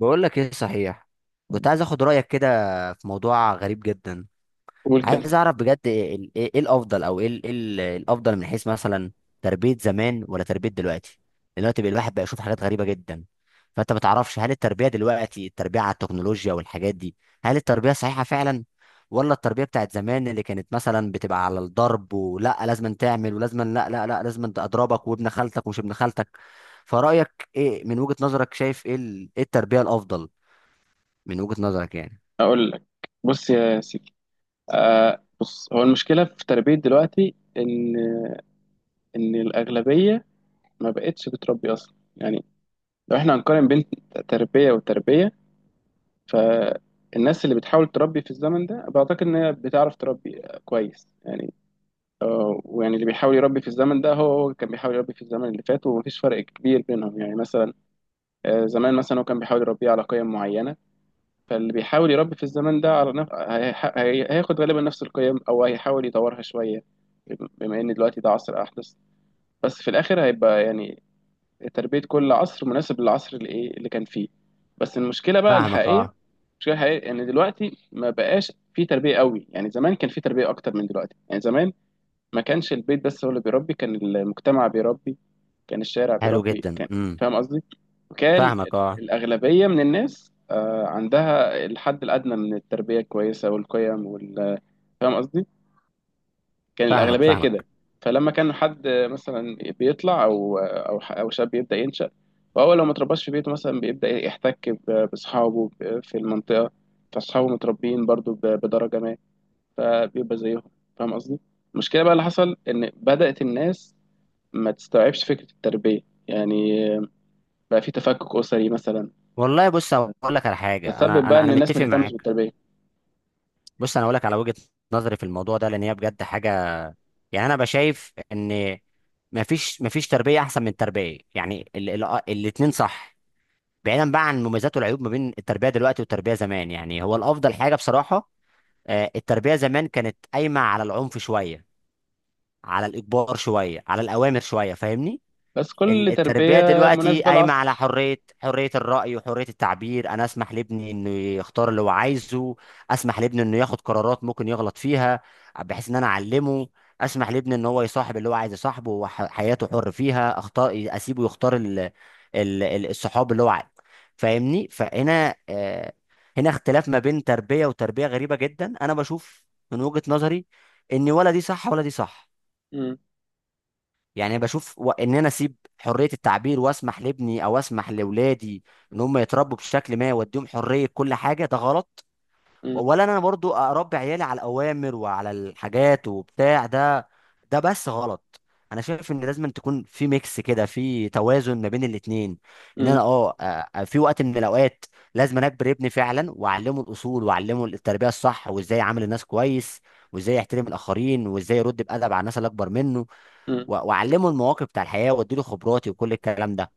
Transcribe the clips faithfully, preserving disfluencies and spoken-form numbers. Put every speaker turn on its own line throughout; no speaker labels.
بقول لك ايه صحيح. كنت عايز اخد رايك كده في موضوع غريب جدا.
قول كده.
عايز اعرف بجد ايه ال- إيه- إيه الافضل او ايه ال- إيه ال- إيه الافضل من حيث مثلا تربيه زمان ولا تربيه دلوقتي؟ لأن دلوقتي بقى الواحد بقى يشوف حاجات غريبه جدا، فانت ما تعرفش هل التربيه دلوقتي التربيه على التكنولوجيا والحاجات دي، هل التربيه صحيحه فعلا، ولا التربيه بتاعت زمان اللي كانت مثلا بتبقى على الضرب ولا لازم تعمل ولازم لا لا لا لازم أنت اضربك وابن خالتك ومش ابن خالتك. فرايك ايه من وجهه نظرك؟ شايف ايه ال- إيه التربيه الافضل من وجهة نظرك يعني؟
اقول لك، بص يا سيدي. آه بص، هو المشكله في تربيه دلوقتي ان ان الاغلبيه ما بقتش بتربي اصلا يعني. لو احنا هنقارن بين تربيه وتربيه، فالناس اللي بتحاول تربي في الزمن ده بعتقد ان هي بتعرف تربي كويس يعني. آه، ويعني اللي بيحاول يربي في الزمن ده هو هو كان بيحاول يربي في الزمن اللي فات، ومفيش فرق كبير بينهم يعني. مثلا آه، زمان مثلا هو كان بيحاول يربيه على قيم معينه، فاللي بيحاول يربي في الزمان ده على نف... هيح- هي... هياخد غالبا نفس القيم او هيحاول يطورها شويه، بم- بما ان دلوقتي ده عصر احدث. بس في الاخر هيبقى يعني تربيه كل عصر مناسب للعصر اللي ايه اللي كان فيه. بس المشكله بقى
فاهمك،
الحقيقيه،
اه.
المشكله الحقيقيه ان دلوقتي ما بقاش في تربيه قوي. يعني زمان كان في تربيه اكتر من دلوقتي. يعني زمان ما كانش البيت بس هو اللي بيربي، كان المجتمع بيربي، كان الشارع
حلو
بيربي،
جدا.
كان
امم
فاهم قصدي. وكان
فاهمك، اه.
الأغلبية من الناس آه، عندها الحد الأدنى من التربية الكويسة والقيم وال، فاهم قصدي، كان
فاهمك،
الأغلبية كده.
فاهمك.
فلما كان حد مثلا بيطلع أو أو ح- أو شاب يبدأ ينشأ، فهو لو ما اترباش في بيته مثلا بيبدأ يحتك ب- بأصحابه ب- في المنطقة، فأصحابه متربيين برضو ب- بدرجة ما، فبيبقى زيهم. فاهم قصدي. المشكلة بقى اللي حصل إن بدأت الناس ما تستوعبش فكرة التربية، يعني بقى في تفكك أسري مثلا،
والله بص اقول لك على حاجه،
بتسبب
انا
بقى
انا
إن
انا
الناس ما
متفق
تهتمش
معاك.
بالتربية.
بص انا اقول لك على وجهة نظري في الموضوع ده، لان هي بجد حاجه. يعني انا بشايف ان مفيش مفيش تربيه احسن من التربيه، يعني ال ال آه، الاتنين صح. بعيدا بقى عن المميزات والعيوب ما بين التربيه دلوقتي والتربيه زمان، يعني هو الافضل حاجه بصراحه. آه، التربيه زمان كانت قايمه على العنف شويه، على الاجبار شويه، على الاوامر شويه، فاهمني.
بس
ال-
كل
التربية
تربية
دلوقتي
مناسبة
قايمة على
للعصر.
حرية، حرية الرأي وحرية التعبير. أنا أسمح لابني إنه يختار اللي هو عايزه. أسمح لابني إنه ياخد قرارات ممكن يغلط فيها، بحيث إن أنا أعلمه. أسمح لابني إن هو يصاحب اللي هو عايز يصاحبه، وحياته حر فيها، أختار أسيبه يختار ال... ال... ال- الصحاب اللي هو عايز. فاهمني؟ فهنا آه، هنا اختلاف ما بين تربية وتربية غريبة جدا. أنا بشوف من وجهة نظري إن ولا دي صح ولا دي صح.
مم.
يعني بشوف و... ان انا اسيب حريه التعبير واسمح لابني او اسمح لاولادي ان هم يتربوا بشكل ما واديهم حريه كل حاجه، ده غلط.
مم.
ولا انا برضو اربي عيالي على الاوامر وعلى الحاجات وبتاع ده، ده بس غلط. انا شايف ان لازم تكون في ميكس كده، في توازن ما بين الاتنين. ان
مم.
انا اه آه، في وقت من الاوقات لازم أنا اجبر ابني فعلا واعلمه الاصول واعلمه التربيه الصح وازاي يعامل الناس كويس وازاي يحترم الاخرين وازاي يرد بادب على الناس اللي اكبر منه.
مم.
و- واعلمه المواقف بتاع الحياه واديله خبراتي وكل الكلام ده،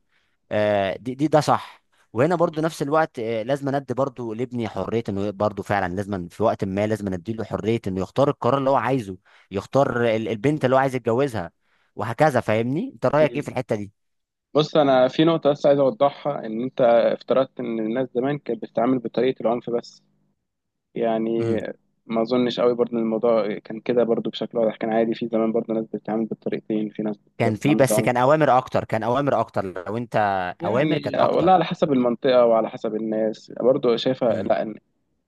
آه، دي دي ده صح. وهنا برضو نفس الوقت آه، لازم ندي برضو لابني حريه انه برضو فعلا لازم في وقت ما لازم نديله حريه انه يختار القرار اللي هو عايزه، يختار ال- البنت اللي هو عايز يتجوزها، وهكذا. فاهمني؟ انت رايك ايه في
مم.
الحته دي؟
بص، أنا في نقطة بس عايز أوضحها، إن أنت افترضت إن الناس زمان كانت بتتعامل بطريقة العنف بس، يعني
امم.
ما أظنش قوي برضه إن الموضوع كان كده برضه بشكل واضح. كان عادي في زمان برضه ناس بتتعامل بالطريقتين، في ناس بت-
كان في،
بتتعامل
بس
بالعنف
كان اوامر اكتر، كان اوامر اكتر لو انت، اوامر
يعني،
كانت
والله
اكتر.
على حسب المنطقة وعلى حسب الناس برضه شايفة
امم.
لا.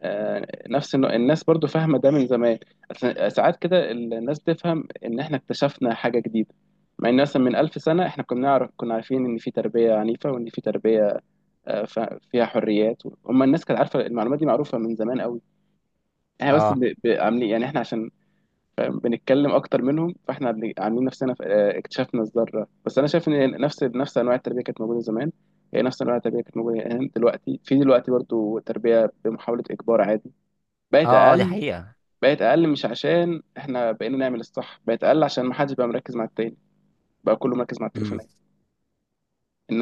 آه، نفس النوع- الناس برضو فاهمة ده من زمان. أس- ساعات كده الناس تفهم إن إحنا اكتشفنا حاجة جديدة، مع إن مثلا من ألف سنة إحنا كنا نعرف، كنا عارفين إن في تربية عنيفة وإن في تربية آه، ف- فيها حريات. هما الناس كانت عارفة، المعلومات دي معروفة من زمان قوي. إحنا بس
اه،
ب- ب- عاملين يعني، إحنا عشان فاهم بنتكلم أكتر منهم، فإحنا اللي عاملين نفسنا ف- آه، اكتشفنا الذرة. بس أنا شايف إن نفس نفس أنواع التربية كانت موجودة زمان. هي نفس أنواع التربية كانت موجودة، هنا دلوقتي في دلوقتي برضو تربية بمحاولة إجبار عادي، بقت
اه. آه، دي
أقل.
حقيقه.
بقت اقل مش عشان احنا بقينا نعمل الصح، بقت اقل عشان ما حدش بقى مركز مع التاني، بقى كله مركز مع
امم.
التليفونات.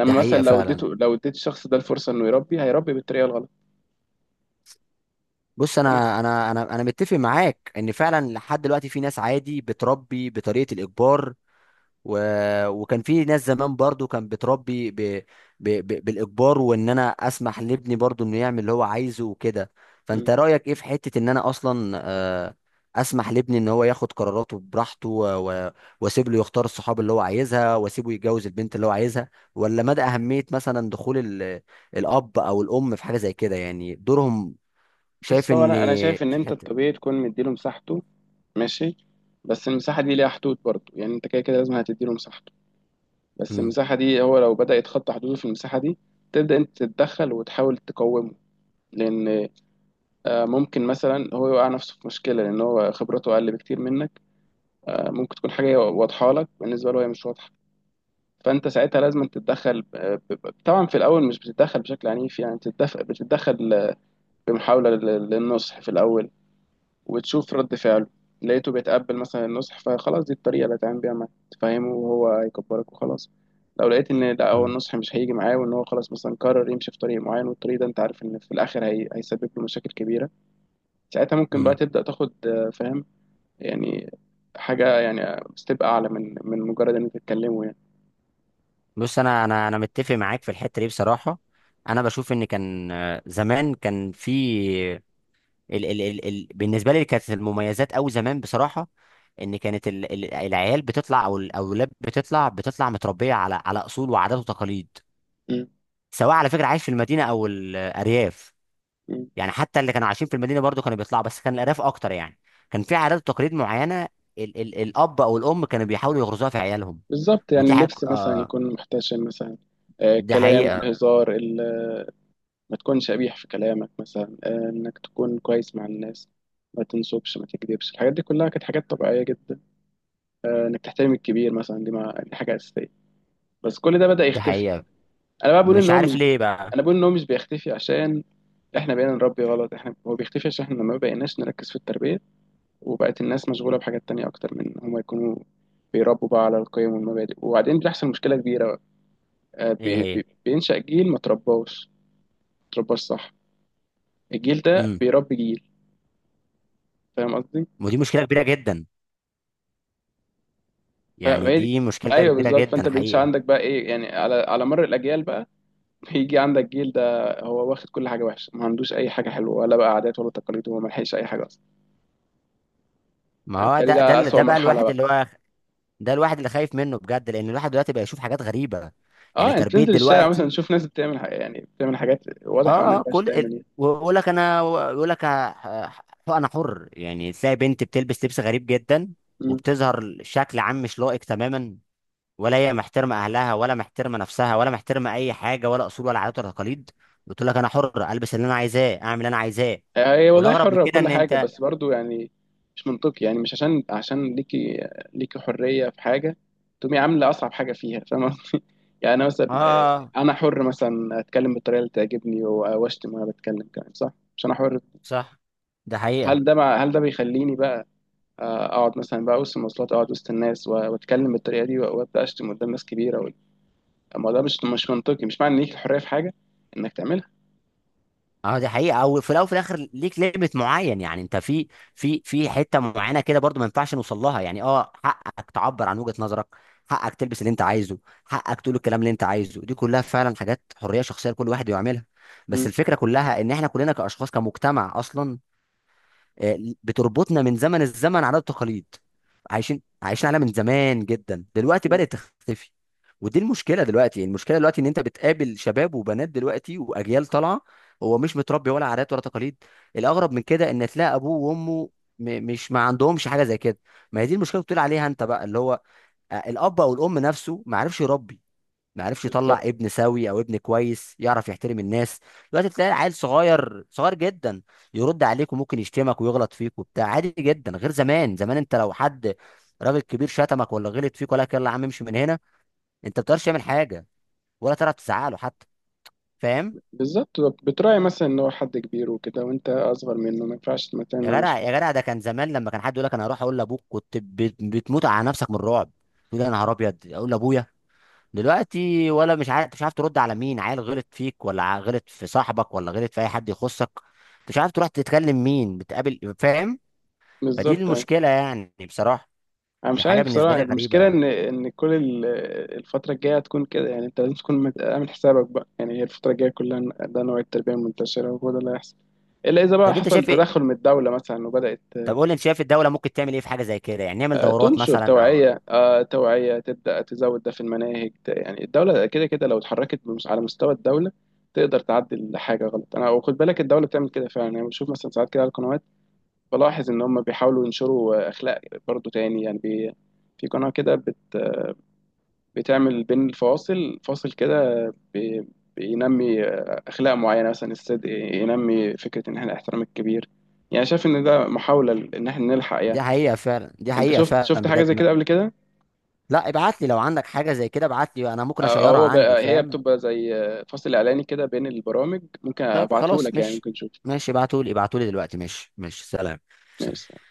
دي
مثلا
حقيقه
لو
فعلا.
اديته، لو اديت الشخص ده الفرصه انه يربي، هيربي بالطريقه الغلط.
بص
فانا،
انا انا انا انا متفق معاك ان فعلا لحد دلوقتي في ناس عادي بتربي بطريقه الاجبار و... وكان في ناس زمان برضو كان بتربي ب... ب... ب... بالاجبار، وان انا اسمح لابني برضو انه يعمل اللي هو عايزه وكده. فانت
مم.
رايك ايه في حته ان انا اصلا آه، اسمح لابني ان هو ياخد قراراته براحته و... و... واسيب له يختار الصحاب اللي هو عايزها واسيبه يتجوز البنت اللي هو عايزها؟ ولا مدى اهميه مثلا دخول ال... الاب او الام في حاجه زي كده، يعني دورهم؟ شايف
بص، هو
ان
انا انا شايف ان انت
حته.
الطبيعي تكون مديله مساحته، ماشي، بس المساحه دي ليها حدود برضه. يعني انت كده كده لازم هتديله مساحته، بس
مم.
المساحه دي هو لو بدا يتخطى حدوده في المساحه دي، تبدا انت تتدخل وتحاول تقومه. لان آه، ممكن مثلا هو يوقع نفسه في مشكله، لان هو خبرته اقل بكتير منك. آه، ممكن تكون حاجه واضحه لك، بالنسبه له هي مش واضحه. فانت ساعتها لازم تتدخل ب- ب- طبعا في الاول مش بتتدخل بشكل عنيف، يعني بتتدخل بتتدخل بمحاوله لل- للنصح في الاول، وتشوف رد فعله. لقيته بيتقبل مثلا النصح، فخلاص دي الطريقه اللي هتعمل بيها معاه، تفهمه وهو هيكبرك وخلاص. لو لقيت ان لا، هو
مم.
النصح مش هيجي معاه، وان هو خلاص مثلا قرر يمشي في طريق معين، والطريق ده انت عارف ان في الاخر هي... هيسبب له مشاكل كبيره، ساعتها ممكن بقى
مم.
تبدا تاخد آه، فاهم يعني، حاجة يعني ستيب أعلى من من مجرد إن أنتوا تتكلموا يعني.
بص انا انا انا متفق معاك في الحته دي بصراحه. انا بشوف ان كان آه، زمان كان في ال ال ال ال بالنسبه لي كانت المميزات او زمان بصراحه ان كانت ال ال العيال بتطلع او الاولاد بتطلع بتطلع متربيه على على اصول وعادات وتقاليد،
مم.
سواء على فكره عايش في المدينه او الارياف.
مم.
يعني حتى اللي كانوا عايشين في المدينه برضو كانوا بيطلعوا، بس كان الارياف اكتر يعني. كان في عادات وتقاليد معينه ال ال الاب او الام كانوا بيحاولوا يغرزوها في عيالهم.
بالظبط. يعني
ودي
اللبس
حق،
مثلا
آه.
يكون محتشم مثلا، آه،
دي
الكلام
حقيقه.
والهزار ال- ما تكونش قبيح في كلامك مثلا، آه، إنك تكون كويس مع الناس، ما تنصبش، ما تكذبش. الحاجات دي كلها كانت حاجات طبيعية جدا. آه، إنك تحترم الكبير مثلا، دي ما دي حاجة أساسية. بس كل ده بدأ
دي
يختفي.
حقيقه.
أنا بقى بقول
مش
إن هو
عارف
مش
ليه بقى.
أنا بقول إن هو مش بيختفي عشان إحنا بقينا نربي غلط، إحنا هو بيختفي عشان إحنا ما بقيناش نركز في التربية، وبقت الناس مشغولة بحاجات تانية أكتر من إن هما يكونوا بيربوا بقى على القيم والمبادئ، وبعدين بيحصل مشكلة كبيرة. آه،
ايه
بي-
هي.
بي- بينشأ جيل ما ترباش، ما ترباش صح. الجيل ده
امم.
بيربي جيل. فاهم قصدي؟
ودي مشكله كبيره جدا.
ف-
يعني
فهي،
دي مشكله
أيوه
كبيره
بالظبط.
جدا
فأنت بينشأ
حقيقه.
عندك بقى إيه يعني، على على مر الأجيال بقى بيجي عندك جيل ده هو واخد كل حاجة وحشة، ما عندوش أي حاجة حلوة ولا بقى عادات ولا تقاليد، وما لحقش أي حاجة أصلا.
ما هو
بالتالي
ده، ده
ده
اللي-
أسوأ
ده بقى
مرحلة
الواحد
بقى.
اللي هو، ده الواحد اللي خايف منه بجد، لان الواحد دلوقتي بقى يشوف حاجات غريبه. يعني
أه، أنت
تربيه
تنزل الشارع مثلا
دلوقتي،
تشوف ناس بتعمل حاجة، يعني بتعمل حاجات واضح أوي إنها ما
اه، اه،
ينفعش
كل ال-
تعمل.
ويقول لك انا، ويقول لك ه- ه- انا حر. يعني تلاقي بنت بتلبس لبس غريب جدا
إيه،
وبتظهر شكل عام مش لائق تماما، ولا هي محترمه اهلها ولا محترمه نفسها ولا محترمه اي حاجه، ولا اصول ولا عادات ولا تقاليد. بتقول لك انا حر، البس اللي انا عايزاه، اعمل اللي انا عايزاه.
هي والله
والاغرب من
حرة
كده
وكل
ان
حاجة،
انت،
بس برضو يعني مش منطقي. يعني مش عشان عشان ليكي ليكي حرية في حاجة تقومي عاملة أصعب حاجة فيها، فاهمة؟ يعني أنا مثلا آه،
اه،
أنا حر مثلا أتكلم بالطريقة اللي تعجبني و- وأشتم وأنا بتكلم كمان، صح؟ مش أنا حر.
صح. ده حقيقه.
هل ده مع هل ده بيخليني بقى آه، أقعد مثلا بقى وسط المواصلات، أقعد وسط الناس و- وأتكلم بالطريقة دي و- وأبدأ أشتم قدام ناس كبيرة و- أما ده مش مش منطقي. مش معنى إن ليك الحرية في حاجة إنك تعملها.
اه دي حقيقة. او في الاول وفي الاخر ليك ليميت معين، يعني انت في، في في حتة معينة كده برضو ما ينفعش نوصل لها، يعني اه حقك تعبر عن وجهة نظرك، حقك تلبس اللي انت عايزه، حقك تقول الكلام اللي انت عايزه، دي كلها فعلا حاجات حرية شخصية لكل واحد يعملها. بس
مم.
الفكرة كلها ان احنا كلنا كاشخاص كمجتمع اصلا آه، بتربطنا من زمن الزمن عادات وتقاليد، عايشين عايشين عليها من زمان جدا، دلوقتي
مم.
بدأت تختفي. ودي المشكله دلوقتي، المشكله دلوقتي ان انت بتقابل شباب وبنات دلوقتي واجيال طالعه هو مش متربي ولا عادات ولا تقاليد. الاغرب من كده ان تلاقي ابوه وامه م- مش ما عندهمش حاجه زي كده. ما هي دي المشكله اللي بتقول عليها انت بقى، اللي هو آه، الاب او الام نفسه ما عرفش يربي، ما عرفش يطلع
بالظبط
ابن سوي او ابن كويس يعرف يحترم الناس. دلوقتي تلاقي عيل صغير، صغير جدا، يرد عليك وممكن يشتمك ويغلط فيك وبتاع، عادي جدا. غير زمان، زمان انت لو حد راجل كبير شتمك ولا غلط فيك ولا لك يلا يا عم امشي من هنا، انت ما بتقدرش تعمل حاجه، ولا تعرف تزعله حتى. فاهم؟
بالظبط، بتراعي مثلا ان هو حد كبير وكده، وانت اصغر منه ما ينفعش تعمل معاه
يا جدع،
مشكله.
يا جدع، ده كان زمان لما كان حد يقول لك انا هروح اقول لابوك كنت بت- بتموت على نفسك من الرعب. تقول يا نهار ابيض اقول لابويا. دلوقتي ولا مش عارف، مش عارف ترد على مين، عيل غلط فيك ولا ع- غلط في صاحبك ولا غلط في اي حد يخصك. أنت مش عارف تروح تتكلم مين بتقابل. فاهم؟ فدي
بالظبط يعني.
المشكله يعني بصراحه.
انا
دي
مش
حاجه
عارف
بالنسبه
صراحه
لي غريبه
المشكله
يعني.
ان ان كل ال- الفتره الجايه هتكون كده. يعني انت لازم تكون مت- عامل حسابك بقى، يعني هي الفتره الجايه كلها ده نوع التربيه المنتشره، وهو ده اللي هيحصل. الا اذا بقى
طب انت
حصل
شايف ايه؟
تدخل من الدوله مثلا وبدات
طب قول لي، انت شايف الدوله ممكن تعمل ايه في حاجه زي كده؟ يعني نعمل
آه،
دورات
تنشر
مثلا او؟
توعيه، آه، توعيه تبدا تزود ده في المناهج ت- يعني الدوله كده كده لو اتحركت بمس- على مستوى الدوله تقدر تعدل حاجه غلط. انا وخد بالك الدوله بتعمل كده فعلا، يعني بشوف مثلا ساعات كده على القنوات، بلاحظ ان هم بيحاولوا ينشروا اخلاق برضو تاني. يعني بي في قناة كده بت بتعمل بين الفواصل فاصل كده بي بينمي اخلاق معينة، مثلا الصدق، ينمي فكرة ان احنا الاحترام الكبير، يعني شايف ان ده محاولة ل- ان احنا نلحق يعني.
دي حقيقه فعلا، دي
انت
حقيقه
شفت شفت
فعلا
حاجة
بجد
زي
ما...
كده قبل كده؟
لا ابعت لي، لو عندك حاجه زي كده ابعت لي، انا ممكن
أو أو
اشيرها
هو
عندي.
بقى هي
فاهم؟
بتبقى زي فاصل اعلاني كده بين البرامج. ممكن
طيب
ابعته
خلاص،
لك يعني،
مش
ممكن تشوف.
ماشي، ابعتولي، ابعتولي دلوقتي. ماشي، ماشي. سلام.
ماشي.